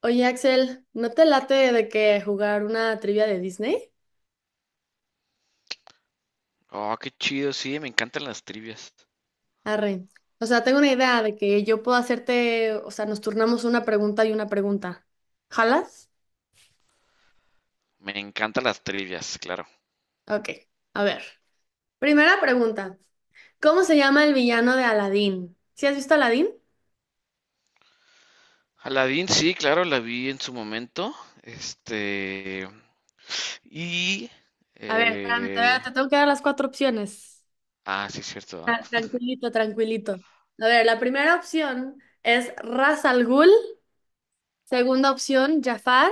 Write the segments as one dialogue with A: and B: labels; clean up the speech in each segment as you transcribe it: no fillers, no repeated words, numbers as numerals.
A: Oye, Axel, ¿no te late de que jugar una trivia de Disney?
B: Oh, qué chido, sí, me encantan las trivias.
A: Arre. O sea, tengo una idea de que yo puedo hacerte, o sea, nos turnamos una pregunta y una pregunta. ¿Jalas?
B: Me encantan las trivias, claro.
A: Ok, a ver. Primera pregunta. ¿Cómo se llama el villano de Aladdin? ¿Sí has visto Aladdin?
B: Aladdin, sí, claro, la vi en su momento. Este. Y.
A: A ver, espérame,
B: eh,
A: todavía te tengo que dar las cuatro opciones.
B: ah, sí, es cierto, ¿ah?
A: Tranquilito, tranquilito. A ver, la primera opción es Ras Al Ghul. Segunda opción, Jafar.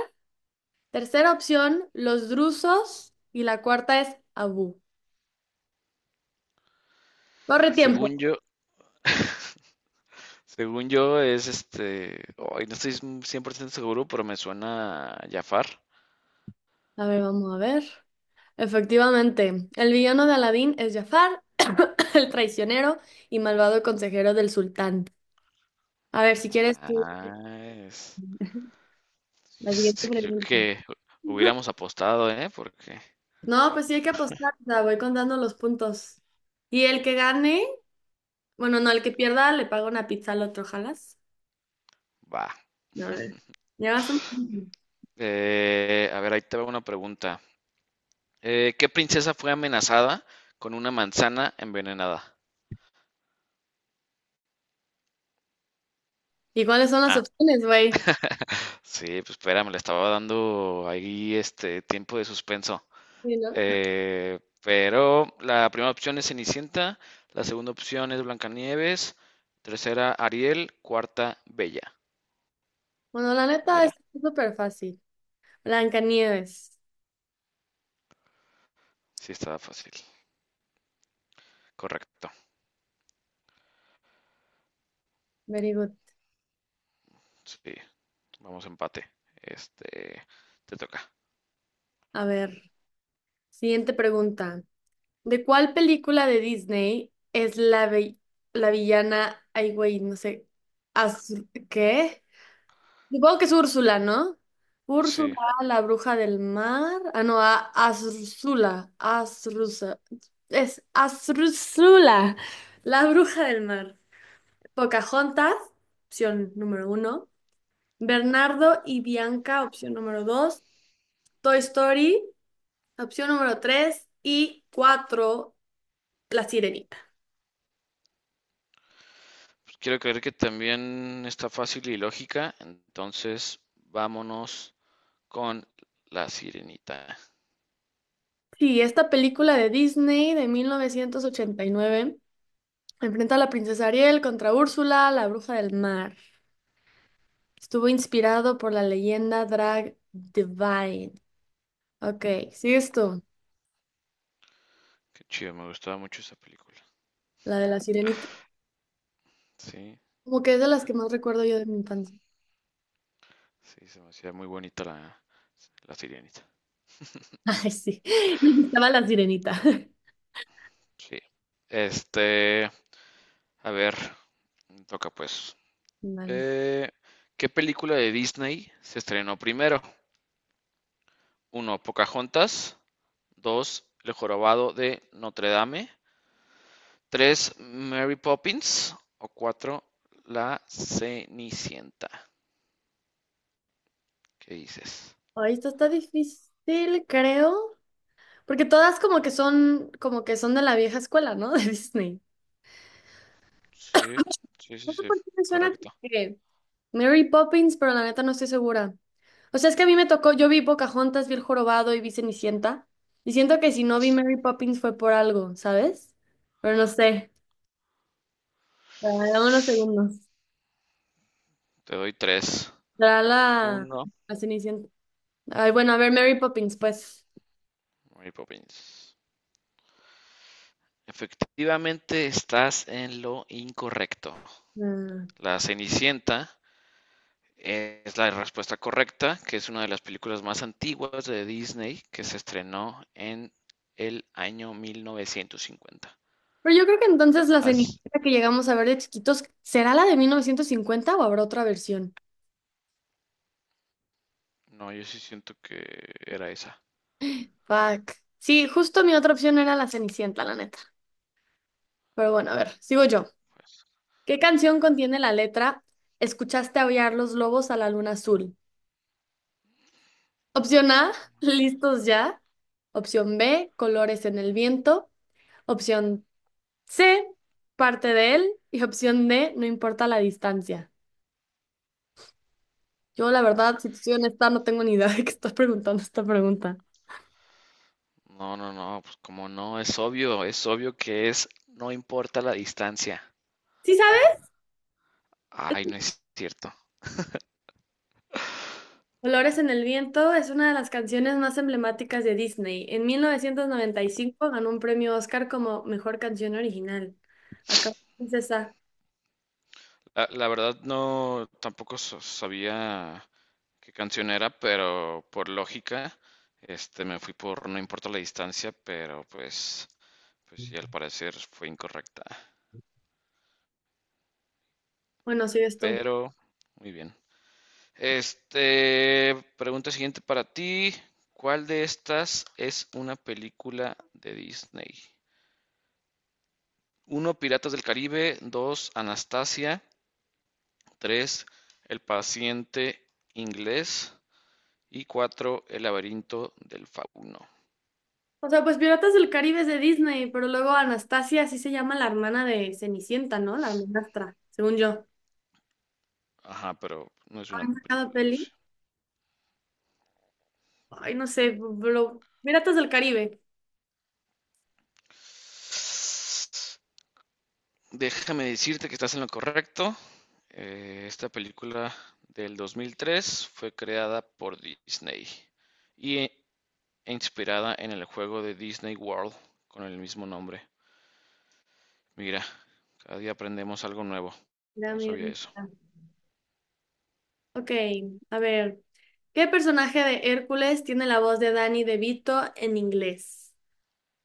A: Tercera opción, los drusos. Y la cuarta es Abu. Corre tiempo.
B: Según yo. Según yo, es este. Hoy no estoy 100% seguro, pero me suena Jafar.
A: A ver, vamos a ver. Efectivamente, el villano de Aladín es Jafar, el traicionero y malvado consejero del sultán. A ver, si quieres tú,
B: Nice.
A: la siguiente
B: Sí, creo
A: pregunta.
B: que hubiéramos apostado, ¿eh? Porque.
A: No, pues sí hay que apostar, o sea, voy contando los puntos. Y el que gane, bueno, no, el que pierda le paga una pizza al otro, ¿jalas?
B: Va.
A: A ver, llevas un punto.
B: A ver, ahí te va una pregunta. ¿Qué princesa fue amenazada con una manzana envenenada?
A: ¿Y cuáles son las
B: Ah,
A: opciones, güey?
B: sí, pues espérame, le estaba dando ahí este tiempo de suspenso.
A: Sí, ¿no?
B: Pero la primera opción es Cenicienta, la segunda opción es Blancanieves, tercera Ariel, cuarta Bella.
A: Bueno, la
B: O
A: neta es
B: Bella.
A: súper fácil. Blancanieves.
B: Sí, estaba fácil. Correcto.
A: Very good.
B: Sí, vamos empate. Este, te toca.
A: A ver, siguiente pregunta. ¿De cuál película de Disney es la villana? Ay, güey, no sé. ¿Qué? Supongo que es Úrsula, ¿no?
B: Sí,
A: Úrsula, la bruja del mar. Ah, no, a Azrúzula. Azrúzula. Es Azrúzula, la bruja del mar. Pocahontas, opción número uno. Bernardo y Bianca, opción número dos. Toy Story. Opción número 3 y 4 La Sirenita.
B: pues quiero creer que también está fácil y lógica, entonces vámonos con La Sirenita.
A: Sí, esta película de Disney de 1989 enfrenta a la princesa Ariel contra Úrsula, la bruja del mar. Estuvo inspirado por la leyenda Drag Divine. Ok, sigues tú,
B: Qué chido, me gustaba mucho esa película.
A: la de La Sirenita.
B: Sí,
A: Como que es de las que más recuerdo yo de mi infancia.
B: sí, se me hacía muy bonita la Sirenita.
A: Ay, sí, me gustaba la sirenita.
B: Sí. Este, a ver, me toca pues.
A: Vale.
B: Eh, ¿qué película de Disney se estrenó primero? Uno, Pocahontas. Dos, El Jorobado de Notre Dame. Tres, Mary Poppins. O cuatro, La Cenicienta. ¿Qué dices?
A: Ay, esto está difícil, creo. Porque todas como que son de la vieja escuela, ¿no? De Disney.
B: Sí, sí, sí,
A: No sé
B: sí,
A: por qué me suena
B: correcto.
A: que Mary Poppins, pero la neta no estoy segura. O sea, es que a mí me tocó, yo vi Pocahontas, vi El Jorobado y vi Cenicienta. Y siento que si no vi Mary Poppins fue por algo, ¿sabes? Pero no sé. Dame unos segundos.
B: Te doy tres.
A: Será la,
B: Uno.
A: la Cenicienta. Ay, bueno, a ver, Mary Poppins, pues.
B: Mary Poppins. Efectivamente, estás en lo incorrecto.
A: Ah.
B: La Cenicienta es la respuesta correcta, que es una de las películas más antiguas de Disney que se estrenó en el año 1950.
A: Pero yo creo que entonces la
B: As-
A: Cenicienta que llegamos a ver de chiquitos, ¿será la de 1950 o habrá otra versión?
B: no, yo sí siento que era esa.
A: Fuck. Sí, justo mi otra opción era la Cenicienta, la neta. Pero bueno, a ver, sigo yo.
B: Pues.
A: ¿Qué canción contiene la letra Escuchaste aullar los lobos a la luna azul? Opción A, listos ya. Opción B, colores en el viento. Opción C, parte de él. Y opción D, no importa la distancia. Yo, la verdad, si te soy honesta, no tengo ni idea de qué estás preguntando esta pregunta.
B: No, no, no, pues como no, es obvio que es, no importa la distancia.
A: ¿Sí sabes?
B: Ay, no es cierto.
A: Colores en el viento es una de las canciones más emblemáticas de Disney. En 1995 ganó un premio Oscar como mejor canción original. Acá, princesa.
B: La verdad no, tampoco sabía qué canción era, pero por lógica, me fui por No importa la distancia, pero pues sí, al parecer fue incorrecta.
A: Bueno, sigues tú.
B: Pero, muy bien. Pregunta siguiente para ti. ¿Cuál de estas es una película de Disney? Uno, Piratas del Caribe. Dos, Anastasia. Tres, El paciente inglés. Y cuatro, El laberinto del fauno.
A: O sea, pues Piratas del Caribe es de Disney, pero luego Anastasia, así se llama la hermana de Cenicienta, ¿no? La hermanastra, según yo.
B: Ajá, pero no es una
A: Cada
B: película, o
A: peli.
B: sea.
A: Ay, no sé, pero Piratas del Caribe.
B: Déjame decirte que estás en lo correcto. Esta película del 2003 fue creada por Disney y e e inspirada en el juego de Disney World con el mismo nombre. Mira, cada día aprendemos algo nuevo.
A: Mira,
B: No
A: mira,
B: sabía eso.
A: mira. Ok, a ver. ¿Qué personaje de Hércules tiene la voz de Danny DeVito en inglés?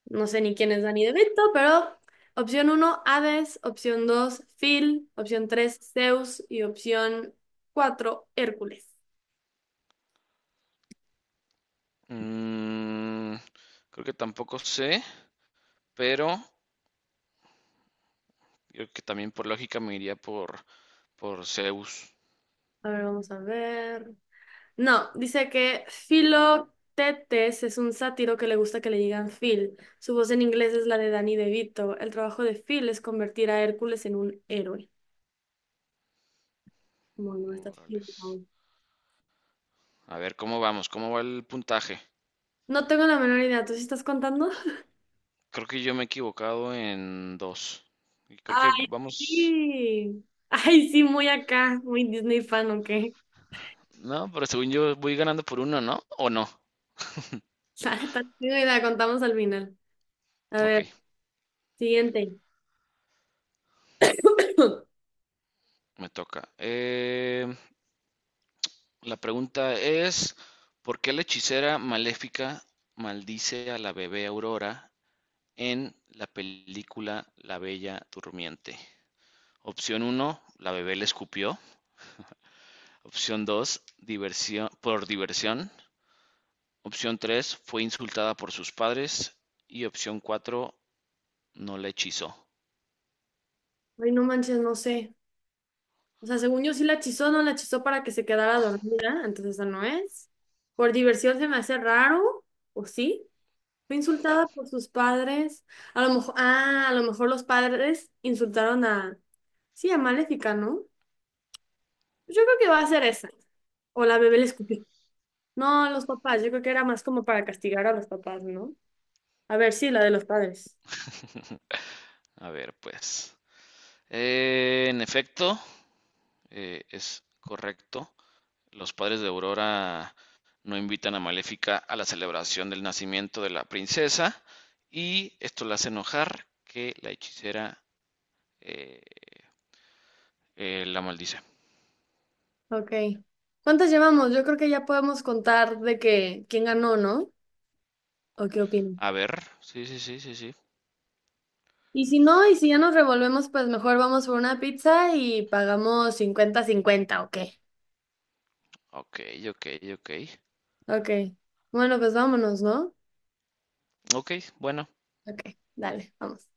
A: No sé ni quién es Danny DeVito, pero opción uno, Hades, opción 2, Phil, opción 3, Zeus y opción 4, Hércules.
B: Mm, creo que tampoco sé, pero yo creo que también por lógica me iría por Zeus.
A: A ver, vamos a ver. No, dice que
B: Mm,
A: Philoctetes es un sátiro que le gusta que le digan Phil. Su voz en inglés es la de Danny DeVito. El trabajo de Phil es convertir a Hércules en un héroe. Bueno, estás equivocado.
B: A ver, ¿cómo vamos? ¿Cómo va el puntaje?
A: No tengo la menor idea. ¿Tú sí estás contando?
B: Creo que yo me he equivocado en dos. Y creo que
A: Ay,
B: vamos.
A: sí. Ay, sí, muy acá. Muy Disney fan, ¿ok?
B: No, pero según yo voy ganando por uno, ¿no? ¿O no?
A: La neta, no tengo idea. Contamos al final. A
B: Ok,
A: ver, siguiente.
B: me toca. La pregunta es, ¿por qué la hechicera maléfica maldice a la bebé Aurora en la película La Bella Durmiente? Opción uno: la bebé le escupió. Opción 2: diversión, por diversión. Opción tres, fue insultada por sus padres. Y opción cuatro, no la hechizó.
A: Ay, no manches, no sé. O sea, según yo sí la hechizó, no la hechizó para que se quedara dormida, entonces esa no es. Por diversión se me hace raro, ¿o sí? Fue insultada por sus padres. A lo mejor los padres insultaron a, sí, a Maléfica, ¿no? Yo creo que va a ser esa. O la bebé le escupió. No, los papás, yo creo que era más como para castigar a los papás, ¿no? A ver, sí, la de los padres.
B: A ver, pues. En efecto, es correcto. Los padres de Aurora no invitan a Maléfica a la celebración del nacimiento de la princesa. Y esto la hace enojar que la hechicera eh, la maldice.
A: Ok. ¿Cuántas llevamos? Yo creo que ya podemos contar de que quién ganó, ¿no? ¿O qué opinas?
B: A ver, sí, sí, sí, sí, sí.
A: Y si no, y si ya nos revolvemos, pues mejor vamos por una pizza y pagamos 50/50, ¿o qué?
B: Ok, ok, ok.
A: Ok. Bueno, pues vámonos, ¿no?
B: Ok, bueno,
A: Ok, dale, vamos.